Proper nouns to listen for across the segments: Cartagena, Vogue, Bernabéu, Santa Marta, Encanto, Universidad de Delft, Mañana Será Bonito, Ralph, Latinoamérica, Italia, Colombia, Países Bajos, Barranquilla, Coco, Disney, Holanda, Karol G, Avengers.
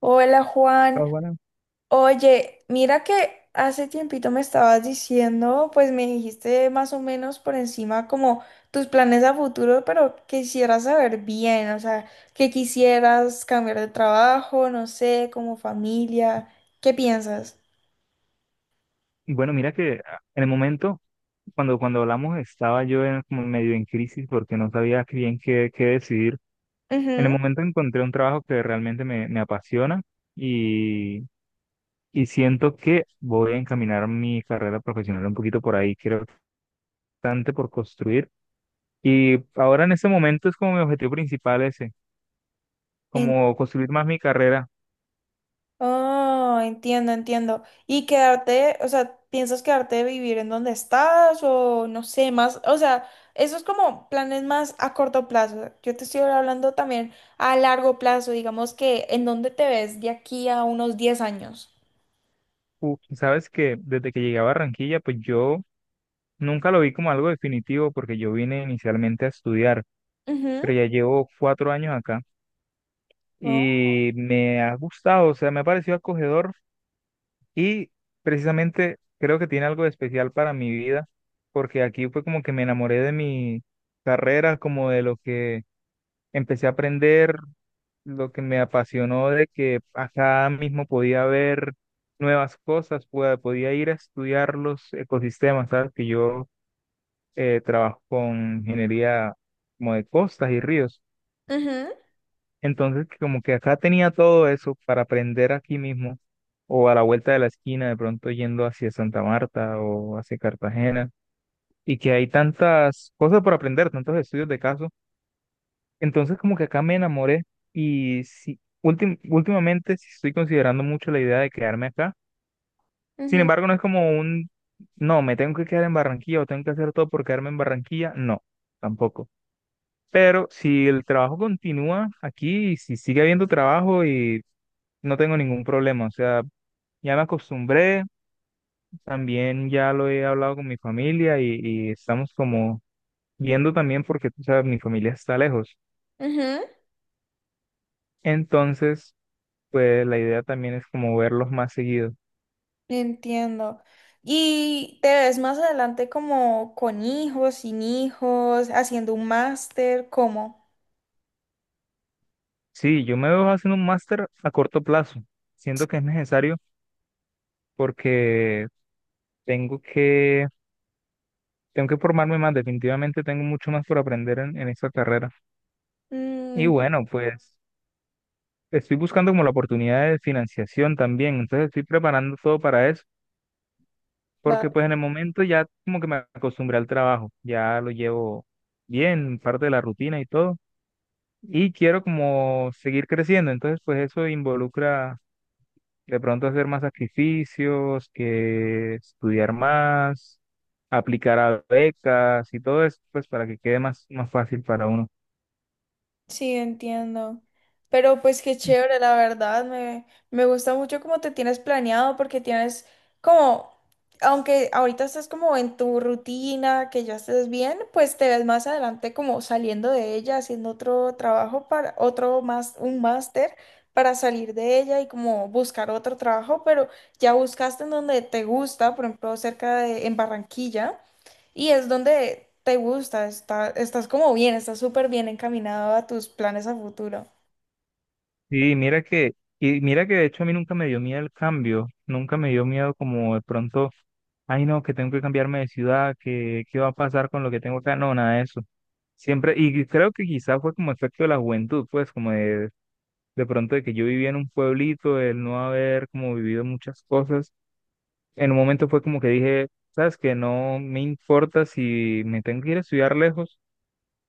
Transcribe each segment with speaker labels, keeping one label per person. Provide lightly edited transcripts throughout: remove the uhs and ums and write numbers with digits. Speaker 1: Hola
Speaker 2: Ah,
Speaker 1: Juan,
Speaker 2: bueno.
Speaker 1: oye, mira que hace tiempito me estabas diciendo, pues me dijiste más o menos por encima como tus planes a futuro, pero quisiera saber bien, o sea, que quisieras cambiar de trabajo, no sé, como familia, ¿qué piensas?
Speaker 2: Bueno, mira que en el momento, cuando hablamos, estaba yo en, como medio en crisis porque no sabía qué decidir. En el
Speaker 1: Ujú.
Speaker 2: momento encontré un trabajo que realmente me apasiona y, y siento que voy a encaminar mi carrera profesional un poquito por ahí. Creo que bastante por construir. Y ahora en este momento es como mi objetivo principal ese, como construir más mi carrera.
Speaker 1: Oh, entiendo, entiendo. ¿Y quedarte, o sea, piensas quedarte de vivir en donde estás o no sé, más, o sea, eso es como planes más a corto plazo. Yo te estoy hablando también a largo plazo, digamos que en dónde te ves de aquí a unos 10 años.
Speaker 2: Sabes que desde que llegué a Barranquilla, pues yo nunca lo vi como algo definitivo porque yo vine inicialmente a estudiar.
Speaker 1: Ujú,
Speaker 2: Pero ya llevo 4 años acá
Speaker 1: oh,
Speaker 2: y me ha gustado, o sea, me ha parecido acogedor y precisamente creo que tiene algo de especial para mi vida, porque aquí fue como que me enamoré de mi carrera, como de lo que empecé a aprender, lo que me apasionó de que acá mismo podía ver nuevas cosas, podía ir a estudiar los ecosistemas, ¿sabes? Que yo trabajo con ingeniería como de costas y ríos.
Speaker 1: ujú,
Speaker 2: Entonces, como que acá tenía todo eso para aprender aquí mismo, o a la vuelta de la esquina, de pronto yendo hacia Santa Marta o hacia Cartagena, y que hay tantas cosas por aprender, tantos estudios de caso. Entonces, como que acá me enamoré y sí, últimamente sí estoy considerando mucho la idea de quedarme acá. Sin
Speaker 1: ujú,
Speaker 2: embargo, no es como no, me tengo que quedar en Barranquilla o tengo que hacer todo por quedarme en Barranquilla, no, tampoco. Pero si el trabajo continúa aquí, y si sigue habiendo trabajo y no tengo ningún problema, o sea, ya me acostumbré, también ya lo he hablado con mi familia y estamos como viendo también porque, tú sabes, mi familia está lejos.
Speaker 1: ujú.
Speaker 2: Entonces, pues la idea también es como verlos más seguido.
Speaker 1: Entiendo. ¿Y te ves más adelante como con hijos, sin hijos, haciendo un máster, cómo?
Speaker 2: Sí, yo me veo haciendo un máster a corto plazo. Siento que es necesario porque tengo que, tengo que formarme más, definitivamente tengo mucho más por aprender en esta carrera. Y
Speaker 1: Mm,
Speaker 2: bueno, pues estoy buscando como la oportunidad de financiación también, entonces estoy preparando todo para eso.
Speaker 1: va.
Speaker 2: Porque pues en el momento ya como que me acostumbré al trabajo, ya lo llevo bien, parte de la rutina y todo, y quiero como seguir creciendo, entonces pues eso involucra de pronto hacer más sacrificios, que estudiar más, aplicar a becas y todo eso, pues para que quede más, más fácil para uno.
Speaker 1: Sí, entiendo. Pero pues qué chévere, la verdad. Me gusta mucho cómo te tienes planeado porque tienes como, aunque ahorita estés como en tu rutina, que ya estés bien, pues te ves más adelante como saliendo de ella, haciendo otro trabajo para otro más, un máster para salir de ella y como buscar otro trabajo, pero ya buscaste en donde te gusta, por ejemplo, cerca de, en Barranquilla. Y es donde te gusta, está, estás como bien, estás súper bien encaminado a tus planes a futuro.
Speaker 2: Sí, mira que de hecho a mí nunca me dio miedo el cambio, nunca me dio miedo como de pronto, ay no, que tengo que cambiarme de ciudad, que qué va a pasar con lo que tengo acá, no, nada de eso. Siempre, y creo que quizás fue como efecto de la juventud, pues como de pronto de que yo vivía en un pueblito, el no haber como vivido muchas cosas, en un momento fue como que dije, sabes que no me importa si me tengo que ir a estudiar lejos,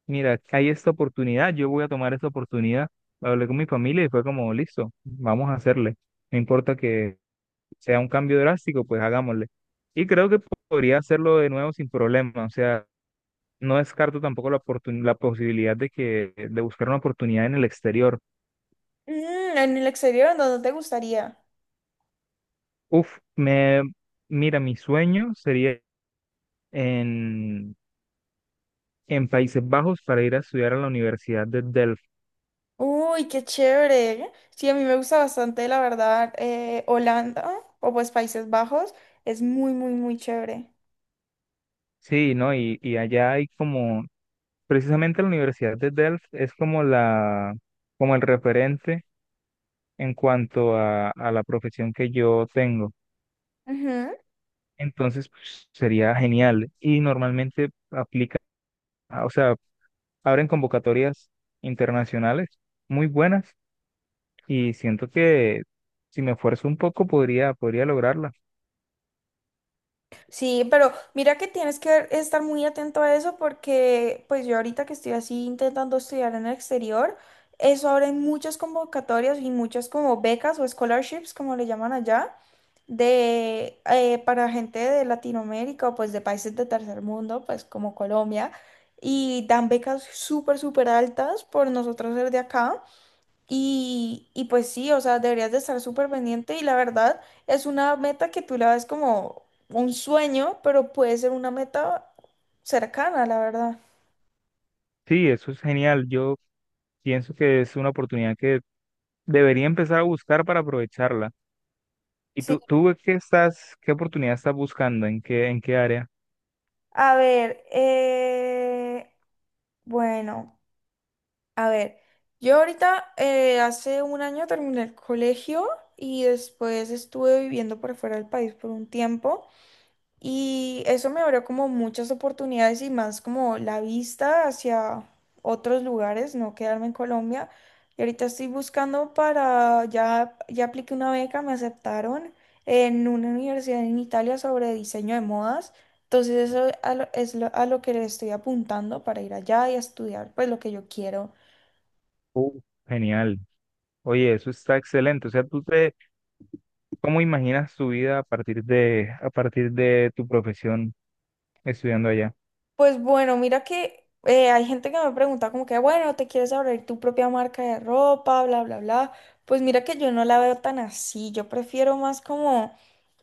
Speaker 2: mira, hay esta oportunidad, yo voy a tomar esta oportunidad. Hablé con mi familia y fue como, listo, vamos a hacerle. No importa que sea un cambio drástico, pues hagámosle. Y creo que podría hacerlo de nuevo sin problema. O sea, no descarto tampoco la posibilidad de que de buscar una oportunidad en el exterior.
Speaker 1: Mm, en el exterior, ¿en dónde te gustaría?
Speaker 2: Uf, me mira, mi sueño sería en, en Países Bajos para ir a estudiar a la Universidad de Delft.
Speaker 1: Uy, qué chévere. Sí, a mí me gusta bastante, la verdad, Holanda o pues Países Bajos. Es muy, muy, muy chévere.
Speaker 2: Sí, ¿no? Y allá hay como precisamente la Universidad de Delft es como como el referente en cuanto a la profesión que yo tengo.
Speaker 1: Ujú.
Speaker 2: Entonces, pues, sería genial. Y normalmente aplica, o sea, abren convocatorias internacionales muy buenas y siento que si me esfuerzo un poco podría lograrla.
Speaker 1: Sí, pero mira que tienes que estar muy atento a eso porque pues yo ahorita que estoy así intentando estudiar en el exterior, eso ahora hay muchas convocatorias y muchas como becas o scholarships, como le llaman allá, de para gente de Latinoamérica o pues de países de tercer mundo, pues como Colombia, y dan becas súper, súper altas por nosotros ser de acá. Y pues sí, o sea, deberías de estar súper pendiente y la verdad es una meta que tú la ves como un sueño, pero puede ser una meta cercana, la verdad.
Speaker 2: Sí, eso es genial. Yo pienso que es una oportunidad que debería empezar a buscar para aprovecharla. ¿Y
Speaker 1: Sí.
Speaker 2: tú qué oportunidad estás buscando? ¿En qué área?
Speaker 1: A ver, bueno, a ver, yo ahorita hace un año terminé el colegio y después estuve viviendo por fuera del país por un tiempo. Y eso me abrió como muchas oportunidades y más como la vista hacia otros lugares, no quedarme en Colombia. Y ahorita estoy buscando para, ya apliqué una beca, me aceptaron en una universidad en Italia sobre diseño de modas. Entonces eso a lo que le estoy apuntando para ir allá y estudiar pues lo que yo quiero.
Speaker 2: Uh, Genial. Oye, eso está excelente. O sea, cómo imaginas tu vida a partir de tu profesión estudiando allá?
Speaker 1: Pues bueno, mira que hay gente que me pregunta como que, bueno, ¿te quieres abrir tu propia marca de ropa, bla, bla, bla? Pues mira que yo no la veo tan así, yo prefiero más como,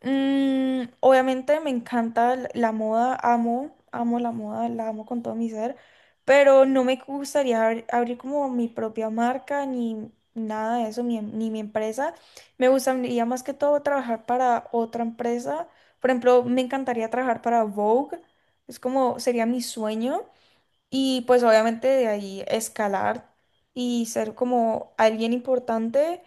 Speaker 1: obviamente me encanta la moda, amo, amo la moda, la amo con todo mi ser, pero no me gustaría abrir como mi propia marca ni nada de eso, ni mi empresa. Me gustaría más que todo trabajar para otra empresa. Por ejemplo, me encantaría trabajar para Vogue. Es como sería mi sueño y pues obviamente de ahí escalar y ser como alguien importante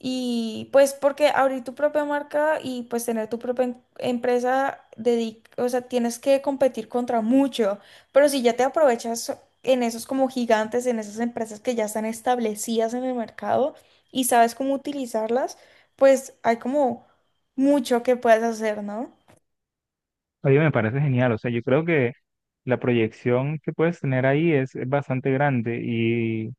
Speaker 1: y pues porque abrir tu propia marca y pues tener tu propia empresa, o sea, tienes que competir contra mucho, pero si ya te aprovechas en esos como gigantes, en esas empresas que ya están establecidas en el mercado y sabes cómo utilizarlas, pues hay como mucho que puedes hacer, ¿no?
Speaker 2: Oye, me parece genial. O sea, yo creo que la proyección que puedes tener ahí es bastante grande y,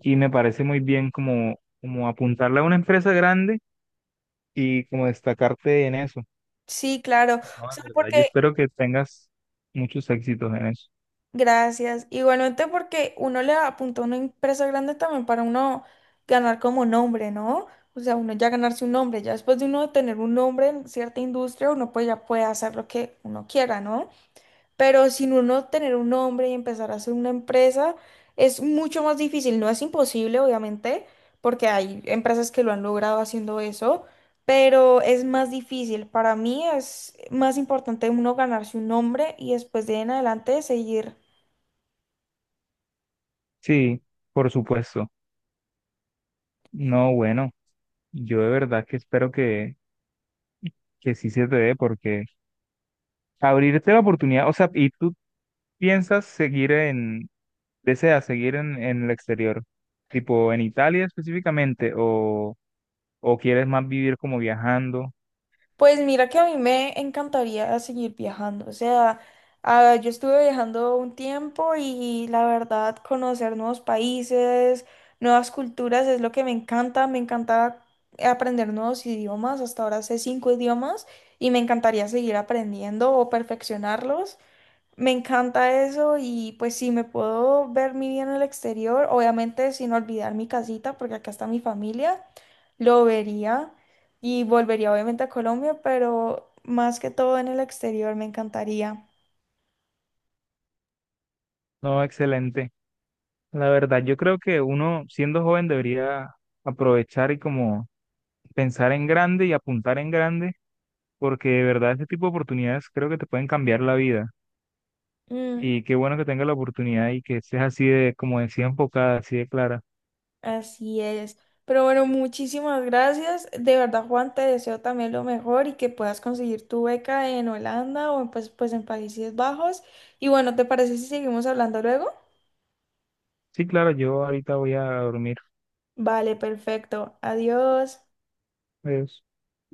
Speaker 2: y me parece muy bien como, como apuntarle a una empresa grande y como destacarte en eso.
Speaker 1: Sí, claro. O
Speaker 2: No, la
Speaker 1: sea,
Speaker 2: verdad, yo
Speaker 1: porque
Speaker 2: espero que tengas muchos éxitos en eso.
Speaker 1: Gracias. Igualmente porque uno le apunta una empresa grande también para uno ganar como nombre, ¿no? O sea, uno ya ganarse un nombre, ya después de uno tener un nombre en cierta industria, uno pues ya puede hacer lo que uno quiera, ¿no? Pero sin uno tener un nombre y empezar a hacer una empresa, es mucho más difícil. No es imposible, obviamente, porque hay empresas que lo han logrado haciendo eso, pero es más difícil. Para mí es más importante uno ganarse un nombre y después de ahí en adelante seguir.
Speaker 2: Sí, por supuesto. No, bueno, yo de verdad que espero que sí se te dé porque abrirte la oportunidad, o sea, y tú piensas deseas seguir en el exterior, tipo en Italia específicamente, o quieres más vivir como viajando.
Speaker 1: Pues mira que a mí me encantaría seguir viajando, o sea, ah, yo estuve viajando un tiempo y la verdad conocer nuevos países, nuevas culturas es lo que me encanta aprender nuevos idiomas, hasta ahora sé cinco idiomas y me encantaría seguir aprendiendo o perfeccionarlos. Me encanta eso y pues sí, me puedo ver mi vida en el exterior, obviamente sin olvidar mi casita, porque acá está mi familia, lo vería y volvería obviamente a Colombia, pero más que todo en el exterior me encantaría.
Speaker 2: No, excelente. La verdad, yo creo que uno siendo joven debería aprovechar y como pensar en grande y apuntar en grande, porque de verdad este tipo de oportunidades creo que te pueden cambiar la vida.
Speaker 1: Mm,
Speaker 2: Y qué bueno que tenga la oportunidad y que estés así de, como decía, enfocada, así de clara.
Speaker 1: Así es. Pero bueno, muchísimas gracias. De verdad, Juan, te deseo también lo mejor y que puedas conseguir tu beca en Holanda o en, pues en Países Bajos. Y bueno, ¿te parece si seguimos hablando luego?
Speaker 2: Sí, claro, yo ahorita voy a dormir.
Speaker 1: Vale, perfecto. Adiós.
Speaker 2: Adiós.